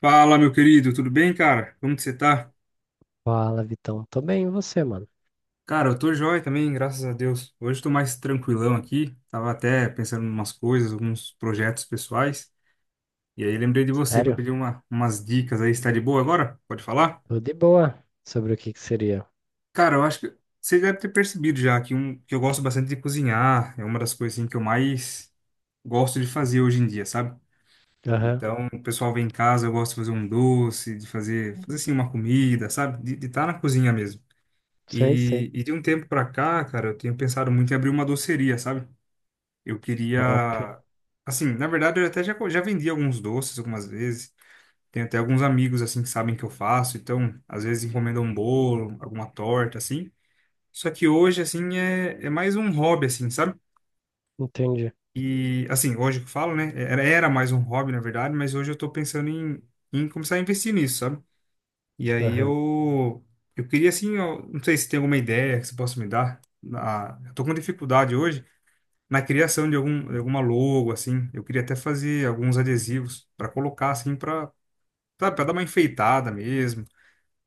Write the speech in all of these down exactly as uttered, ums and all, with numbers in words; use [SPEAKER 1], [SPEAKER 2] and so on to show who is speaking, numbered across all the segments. [SPEAKER 1] Fala, meu querido, tudo bem, cara? Como que você tá?
[SPEAKER 2] Fala, Vitão. Tô bem, e você, mano?
[SPEAKER 1] Cara, eu tô joia também, graças a Deus. Hoje eu tô mais tranquilão aqui. Tava até pensando em umas coisas, alguns projetos pessoais. E aí lembrei de você pra
[SPEAKER 2] Sério?
[SPEAKER 1] pedir uma, umas dicas aí. Você tá de boa agora? Pode falar?
[SPEAKER 2] Tô de boa. Sobre o que que seria?
[SPEAKER 1] Cara, eu acho que você deve ter percebido já que, um, que eu gosto bastante de cozinhar. É uma das coisas assim, que eu mais gosto de fazer hoje em dia, sabe?
[SPEAKER 2] Aham.
[SPEAKER 1] Então, o pessoal vem em casa, eu gosto de fazer um doce, de fazer, fazer
[SPEAKER 2] Uhum.
[SPEAKER 1] assim uma comida, sabe? De estar na cozinha mesmo.
[SPEAKER 2] Sei, sei.
[SPEAKER 1] E, e de um tempo pra cá, cara, eu tenho pensado muito em abrir uma doceria, sabe? Eu queria.
[SPEAKER 2] Top.
[SPEAKER 1] Assim, na verdade, eu até já, co- já vendi alguns doces algumas vezes. Tenho até alguns amigos, assim, que sabem que eu faço. Então, às vezes, encomendam um bolo, alguma torta, assim. Só que hoje, assim, é, é mais um hobby, assim, sabe?
[SPEAKER 2] Entendi.
[SPEAKER 1] E, assim, hoje que eu falo, né? É, Era, era mais um hobby, na verdade, mas hoje eu tô pensando em, em começar a investir nisso, sabe? E aí
[SPEAKER 2] Aham,
[SPEAKER 1] eu eu queria assim, eu não sei se tem alguma ideia que você possa me dar. Na- eu tô com dificuldade hoje na criação de algum de alguma logo assim. Eu queria até fazer alguns adesivos para colocar assim para sabe, para dar uma enfeitada mesmo,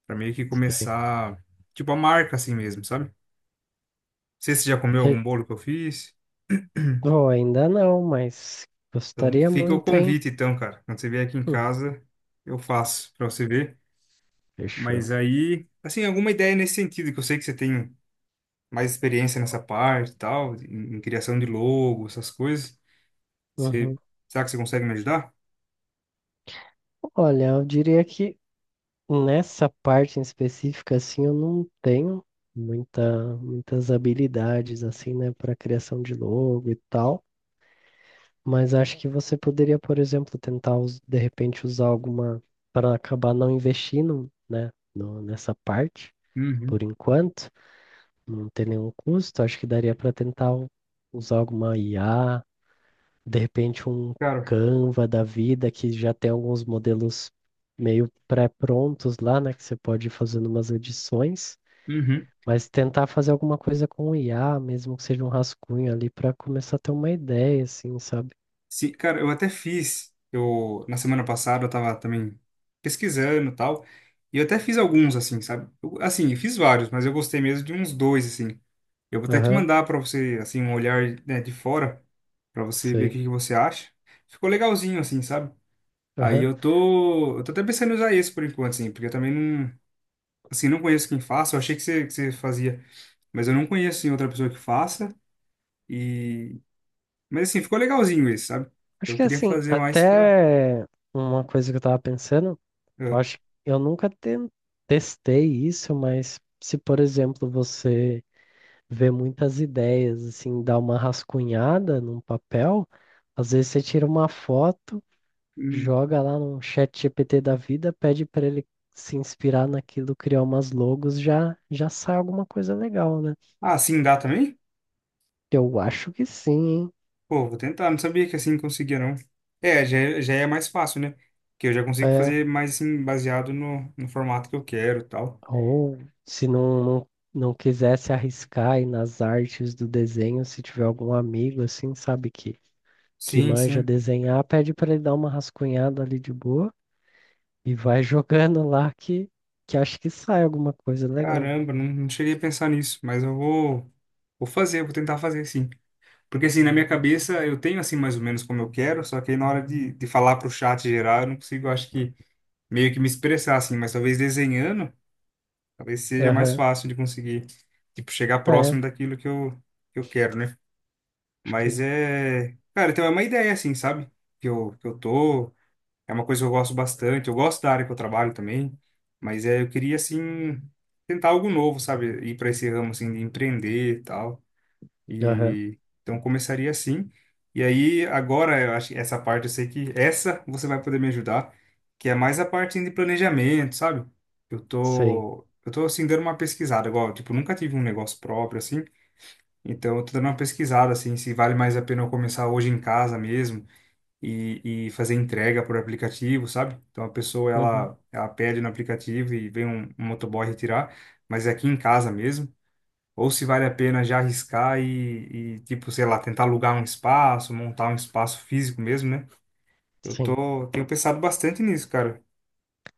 [SPEAKER 1] para meio que
[SPEAKER 2] sei.
[SPEAKER 1] começar tipo a marca assim mesmo, sabe? Não sei se você já comeu
[SPEAKER 2] Se-
[SPEAKER 1] algum bolo que eu fiz.
[SPEAKER 2] Oh, ainda não, mas
[SPEAKER 1] Então
[SPEAKER 2] gostaria
[SPEAKER 1] fica o
[SPEAKER 2] muito, hein?
[SPEAKER 1] convite então, cara. Quando você vier aqui em
[SPEAKER 2] Hum,
[SPEAKER 1] casa, eu faço para você ver. Mas
[SPEAKER 2] fechou.
[SPEAKER 1] aí, assim, alguma ideia nesse sentido que eu sei que você tem mais experiência nessa parte e tal, em, em criação de logo, essas coisas. Você,
[SPEAKER 2] Uhum.
[SPEAKER 1] Será que você consegue me ajudar?
[SPEAKER 2] Olha, eu diria que nessa parte em específica, assim, eu não tenho muita, muitas habilidades, assim, né, para criação de logo e tal. Mas acho que você poderia, por exemplo, tentar us- de repente usar alguma para acabar não investindo, né, no- nessa parte,
[SPEAKER 1] Uhum.
[SPEAKER 2] por enquanto, não ter nenhum custo. Acho que daria para tentar u- usar alguma I A, de repente um
[SPEAKER 1] Cara,
[SPEAKER 2] Canva da vida que já tem alguns modelos meio pré-prontos lá, né, que você pode ir fazendo umas edições,
[SPEAKER 1] uhum,
[SPEAKER 2] mas tentar fazer alguma coisa com o I A, mesmo que seja um rascunho ali, para começar a ter uma ideia, assim, sabe?
[SPEAKER 1] sim, cara, eu até fiz. Eu, na semana passada, eu tava também pesquisando e tal. E eu até fiz alguns, assim, sabe? Eu- assim, eu fiz vários, mas eu gostei mesmo de uns dois, assim. Eu vou até te
[SPEAKER 2] Aham,
[SPEAKER 1] mandar pra você, assim, um olhar, né, de fora, pra você ver o
[SPEAKER 2] sei.
[SPEAKER 1] que que você acha. Ficou legalzinho, assim, sabe? Aí
[SPEAKER 2] Aham.
[SPEAKER 1] eu tô, eu tô até pensando em usar esse por enquanto, assim, porque eu também não. Assim, não conheço quem faça, eu achei que você, que você fazia, mas eu não conheço assim, outra pessoa que faça. E... Mas assim, ficou legalzinho esse, sabe?
[SPEAKER 2] Acho
[SPEAKER 1] Eu
[SPEAKER 2] que
[SPEAKER 1] queria
[SPEAKER 2] assim,
[SPEAKER 1] fazer mais pra.
[SPEAKER 2] até uma coisa que eu tava pensando, eu
[SPEAKER 1] Ah,
[SPEAKER 2] acho que eu nunca ten- testei isso, mas se, por exemplo, você vê muitas ideias, assim, dá uma rascunhada num papel, às vezes você tira uma foto,
[SPEAKER 1] hum.
[SPEAKER 2] joga lá num chat G P T da vida, pede para ele se inspirar naquilo, criar umas logos, já já sai alguma coisa legal, né?
[SPEAKER 1] Ah, sim, dá também?
[SPEAKER 2] Eu acho que sim, hein?
[SPEAKER 1] Pô, vou tentar, não sabia que assim conseguia, não. É, já, é- já é mais fácil, né? Porque eu já consigo
[SPEAKER 2] É.
[SPEAKER 1] fazer mais assim, baseado no, no formato que eu quero e tal.
[SPEAKER 2] Ou se não, não, não quisesse arriscar aí nas artes do desenho, se tiver algum amigo assim, sabe, que, que
[SPEAKER 1] Sim,
[SPEAKER 2] manja
[SPEAKER 1] sim.
[SPEAKER 2] desenhar, pede para ele dar uma rascunhada ali de boa e vai jogando lá que, que acho que sai alguma coisa legal.
[SPEAKER 1] Caramba, não, não cheguei a pensar nisso, mas eu vou, vou fazer, vou tentar fazer sim. Porque assim, na minha cabeça eu tenho assim mais ou menos como eu quero, só que aí na hora de, de falar pro chat geral eu não consigo, acho que meio que me expressar assim, mas talvez desenhando, talvez seja mais
[SPEAKER 2] Aham,
[SPEAKER 1] fácil de conseguir, tipo, chegar
[SPEAKER 2] é,
[SPEAKER 1] próximo daquilo que eu, que eu quero, né?
[SPEAKER 2] acho que.
[SPEAKER 1] Mas é, cara, então é uma ideia assim, sabe? Que eu, que eu tô, é uma coisa que eu gosto bastante, eu gosto da área que eu trabalho também, mas é, eu queria assim tentar algo novo, sabe? Ir para esse ramo assim de empreender e tal.
[SPEAKER 2] Aham,
[SPEAKER 1] E então começaria assim. E aí agora eu acho que essa parte eu sei que essa você vai poder me ajudar, que é mais a parte de planejamento, sabe? Eu
[SPEAKER 2] sim.
[SPEAKER 1] tô eu tô assim dando uma pesquisada, igual, tipo, nunca tive um negócio próprio assim. Então eu tô dando uma pesquisada assim, se vale mais a pena eu começar hoje em casa mesmo e, e fazer entrega por aplicativo, sabe? Então a pessoa
[SPEAKER 2] Uhum,
[SPEAKER 1] ela ela pede no aplicativo e vem um, um motoboy retirar, mas é aqui em casa mesmo. Ou se vale a pena já arriscar e, e, tipo, sei lá, tentar alugar um espaço, montar um espaço físico mesmo, né? Eu
[SPEAKER 2] sim.
[SPEAKER 1] tô, tenho pensado bastante nisso, cara,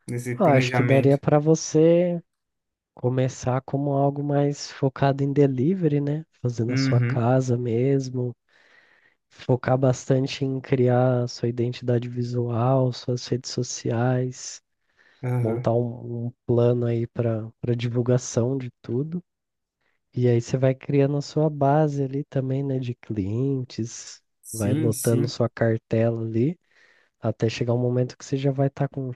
[SPEAKER 1] nesse
[SPEAKER 2] Ah, acho que daria
[SPEAKER 1] planejamento.
[SPEAKER 2] para você começar como algo mais focado em delivery, né? Fazendo na sua
[SPEAKER 1] Uhum,
[SPEAKER 2] casa mesmo. Focar bastante em criar sua identidade visual, suas redes sociais,
[SPEAKER 1] aham.
[SPEAKER 2] montar um, um plano aí para para divulgação de tudo. E aí você vai criando a sua base ali também, né, de clientes, vai
[SPEAKER 1] Sim,
[SPEAKER 2] lotando
[SPEAKER 1] sim,
[SPEAKER 2] sua cartela ali, até chegar um momento que você já vai estar com,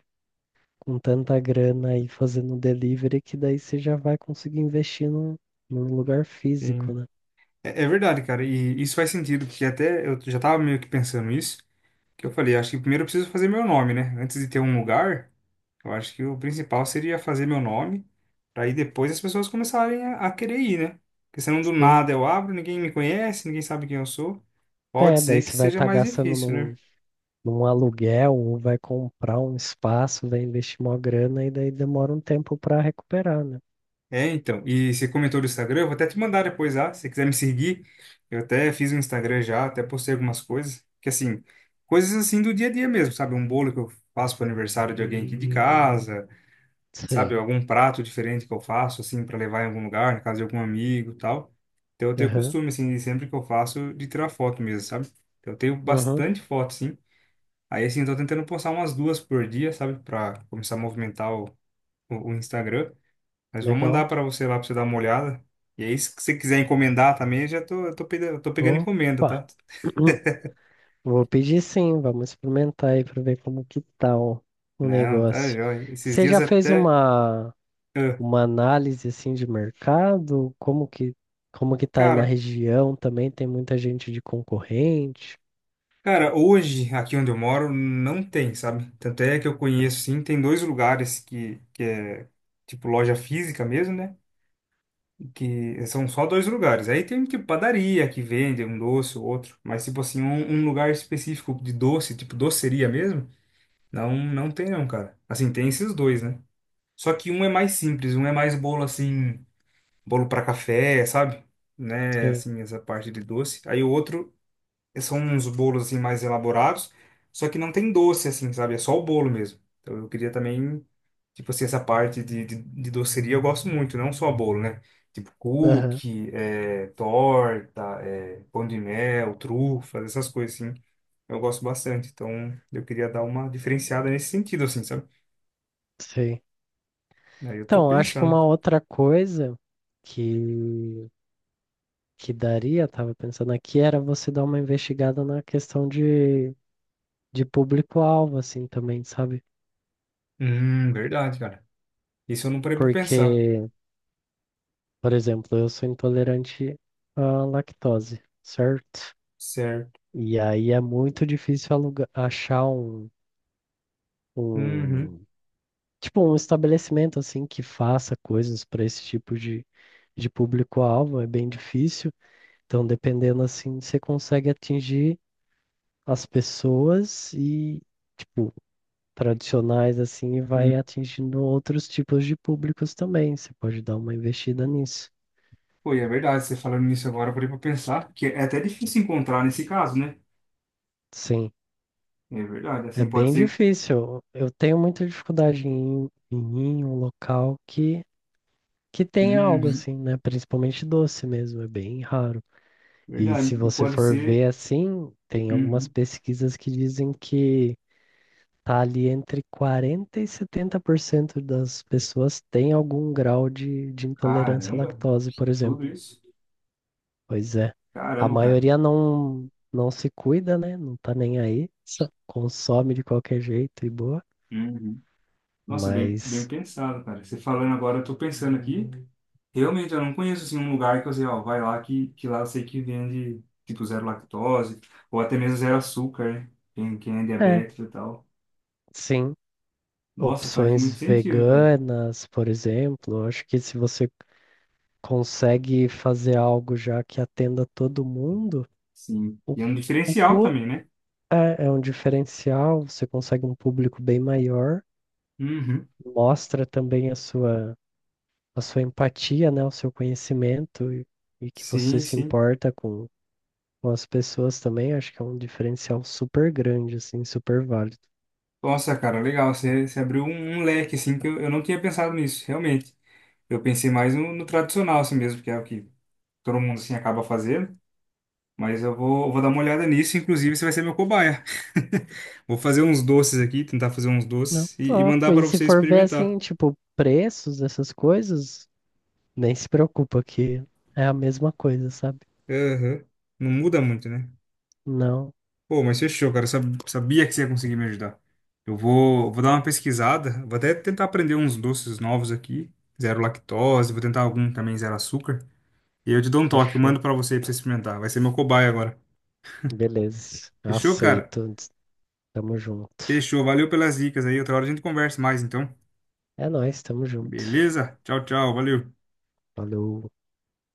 [SPEAKER 2] com tanta grana aí fazendo delivery que daí você já vai conseguir investir num, num lugar físico,
[SPEAKER 1] sim.
[SPEAKER 2] né?
[SPEAKER 1] É, é verdade, cara, e isso faz sentido, porque até eu já tava meio que pensando isso, que eu falei, acho que primeiro eu preciso fazer meu nome, né? Antes de ter um lugar, eu acho que o principal seria fazer meu nome, para aí depois as pessoas começarem a, a querer ir, né? Porque senão do
[SPEAKER 2] Sim.
[SPEAKER 1] nada eu abro, ninguém me conhece, ninguém sabe quem eu sou.
[SPEAKER 2] É,
[SPEAKER 1] Pode
[SPEAKER 2] daí
[SPEAKER 1] ser que
[SPEAKER 2] você vai
[SPEAKER 1] seja
[SPEAKER 2] estar
[SPEAKER 1] mais
[SPEAKER 2] gastando
[SPEAKER 1] difícil, né?
[SPEAKER 2] num, num aluguel ou vai comprar um espaço, vai investir uma grana e daí demora um tempo para recuperar, né?
[SPEAKER 1] É, então. E você comentou do Instagram, eu vou até te mandar depois lá, se você quiser me seguir. Eu até fiz um Instagram já, até postei algumas coisas. Que assim, coisas assim do dia a dia mesmo, sabe? Um bolo que eu faço para aniversário de alguém aqui de casa. Sabe,
[SPEAKER 2] Sei.
[SPEAKER 1] algum prato diferente que eu faço, assim, para levar em algum lugar, na casa de algum amigo e tal. Então eu tenho
[SPEAKER 2] Aham,
[SPEAKER 1] costume, assim, de sempre que eu faço, de tirar foto mesmo, sabe? Então eu tenho
[SPEAKER 2] aham,
[SPEAKER 1] bastante foto, sim. Aí, assim, eu tô tentando postar umas duas por dia, sabe, para começar a movimentar o, o, o Instagram. Mas vou
[SPEAKER 2] legal.
[SPEAKER 1] mandar para você lá para você dar uma olhada. E aí, se você quiser encomendar também, eu já tô, eu tô pegando, eu tô pegando encomenda,
[SPEAKER 2] Opa,
[SPEAKER 1] tá?
[SPEAKER 2] vou pedir sim, vamos experimentar aí para ver como que tá o, o
[SPEAKER 1] Não, tá,
[SPEAKER 2] negócio.
[SPEAKER 1] joia. Esses
[SPEAKER 2] Você
[SPEAKER 1] dias
[SPEAKER 2] já fez
[SPEAKER 1] até.
[SPEAKER 2] uma,
[SPEAKER 1] ah,
[SPEAKER 2] uma análise assim de mercado? Como que, como que tá aí na
[SPEAKER 1] Cara,
[SPEAKER 2] região também? Tem muita gente de concorrente?
[SPEAKER 1] Cara, hoje, aqui onde eu moro, não tem, sabe? Tanto é que eu conheço, sim, tem dois lugares que, que é, tipo, loja física mesmo, né? Que são só dois lugares. Aí tem, tipo, padaria que vende um doce ou outro. Mas, tipo assim, um, um lugar específico de doce, tipo, doceria mesmo, não, não tem não, cara. Assim, tem esses dois, né? Só que um é mais simples, um é mais bolo, assim, bolo para café, sabe? Né?
[SPEAKER 2] Sei.
[SPEAKER 1] Assim, essa parte de doce. Aí o outro são uns bolos assim mais elaborados, só que não tem doce assim, sabe? É só o bolo mesmo. Então eu queria também, tipo assim, essa parte de, de, de doceria eu gosto muito, não só bolo, né? Tipo
[SPEAKER 2] Aham,
[SPEAKER 1] cookie, eh, torta, eh, pão de mel, trufas, essas coisas assim. Eu gosto bastante, então eu queria dar uma diferenciada nesse sentido, assim, sabe?
[SPEAKER 2] sei.
[SPEAKER 1] Aí eu tô
[SPEAKER 2] Então, acho que
[SPEAKER 1] pensando.
[SPEAKER 2] uma outra coisa que, que daria, tava pensando aqui, era você dar uma investigada na questão de, de público-alvo, assim, também, sabe?
[SPEAKER 1] Hum, verdade, cara. Isso eu não parei pra pensar.
[SPEAKER 2] Porque, por exemplo, eu sou intolerante à lactose, certo?
[SPEAKER 1] Certo.
[SPEAKER 2] E aí é muito difícil alugar, achar um,
[SPEAKER 1] Uhum.
[SPEAKER 2] um, tipo, um estabelecimento, assim, que faça coisas para esse tipo de, de público-alvo, é bem difícil. Então, dependendo, assim, você consegue atingir as pessoas e, tipo, tradicionais assim, e vai atingindo outros tipos de públicos também. Você pode dar uma investida nisso.
[SPEAKER 1] Pô, e é verdade, você falando nisso agora, eu parei pra pensar que é até difícil encontrar nesse caso, né?
[SPEAKER 2] Sim,
[SPEAKER 1] É verdade,
[SPEAKER 2] é
[SPEAKER 1] assim, pode
[SPEAKER 2] bem
[SPEAKER 1] ser.
[SPEAKER 2] difícil. Eu tenho muita dificuldade em, em ir em um local que, que tem algo
[SPEAKER 1] Uhum.
[SPEAKER 2] assim, né? Principalmente doce mesmo, é bem raro. E
[SPEAKER 1] Verdade,
[SPEAKER 2] se
[SPEAKER 1] e
[SPEAKER 2] você
[SPEAKER 1] pode
[SPEAKER 2] for
[SPEAKER 1] ser.
[SPEAKER 2] ver assim, tem algumas
[SPEAKER 1] Uhum.
[SPEAKER 2] pesquisas que dizem que tá ali entre quarenta e setenta por cento das pessoas tem algum grau de, de intolerância à
[SPEAKER 1] Caramba,
[SPEAKER 2] lactose, por exemplo.
[SPEAKER 1] tudo isso?
[SPEAKER 2] Pois é. A
[SPEAKER 1] Caramba, cara.
[SPEAKER 2] maioria não, não se cuida, né? Não tá nem aí, só consome de qualquer jeito e boa.
[SPEAKER 1] Uhum. Nossa, bem, bem
[SPEAKER 2] Mas,
[SPEAKER 1] pensado, cara. Você falando agora, eu tô pensando aqui. Realmente, eu não conheço, assim, um lugar que eu sei, ó, vai lá que, que lá eu sei que vende, tipo, zero lactose, ou até mesmo zero açúcar, né? Quem, quem é
[SPEAKER 2] é,
[SPEAKER 1] diabético e tal.
[SPEAKER 2] sim.
[SPEAKER 1] Nossa, faz
[SPEAKER 2] Opções
[SPEAKER 1] muito sentido, cara.
[SPEAKER 2] veganas, por exemplo. Eu acho que se você consegue fazer algo já que atenda todo mundo,
[SPEAKER 1] Sim.
[SPEAKER 2] o,
[SPEAKER 1] E é um
[SPEAKER 2] o
[SPEAKER 1] diferencial
[SPEAKER 2] cu
[SPEAKER 1] também, né?
[SPEAKER 2] é, é um diferencial, você consegue um público bem maior,
[SPEAKER 1] Uhum.
[SPEAKER 2] mostra também a sua, a sua empatia, né? O seu conhecimento e, e que você
[SPEAKER 1] Sim,
[SPEAKER 2] se
[SPEAKER 1] sim.
[SPEAKER 2] importa com, com as pessoas também. Acho que é um diferencial super grande, assim, super válido.
[SPEAKER 1] Nossa, cara, legal. Você, você abriu um, um leque, assim, que eu, eu não tinha pensado nisso, realmente. Eu pensei mais no, no tradicional, assim mesmo, que é o que todo mundo, assim, acaba fazendo. Mas eu vou, vou dar uma olhada nisso. Inclusive, você vai ser meu cobaia. Vou fazer uns doces aqui, tentar fazer uns
[SPEAKER 2] Não,
[SPEAKER 1] doces e, e
[SPEAKER 2] topo.
[SPEAKER 1] mandar
[SPEAKER 2] E
[SPEAKER 1] para
[SPEAKER 2] se
[SPEAKER 1] você
[SPEAKER 2] for ver,
[SPEAKER 1] experimentar.
[SPEAKER 2] assim, tipo, preços dessas coisas, nem se preocupa que é a mesma coisa, sabe?
[SPEAKER 1] Aham. Não muda muito, né?
[SPEAKER 2] Não,
[SPEAKER 1] Pô, mas fechou, cara. Eu Sab- Sabia que você ia conseguir me ajudar. Eu vou, vou dar uma pesquisada. Vou até tentar aprender uns doces novos aqui. Zero lactose. Vou tentar algum também zero açúcar. E eu te dou um toque, eu
[SPEAKER 2] fechou.
[SPEAKER 1] mando pra você pra você experimentar. Vai ser meu cobaia agora.
[SPEAKER 2] Beleza,
[SPEAKER 1] Fechou, cara?
[SPEAKER 2] aceito. Tamo junto.
[SPEAKER 1] Fechou. Valeu pelas dicas aí. Outra hora a gente conversa mais, então.
[SPEAKER 2] É nóis, tamo junto.
[SPEAKER 1] Beleza? Tchau, tchau. Valeu.
[SPEAKER 2] Falou.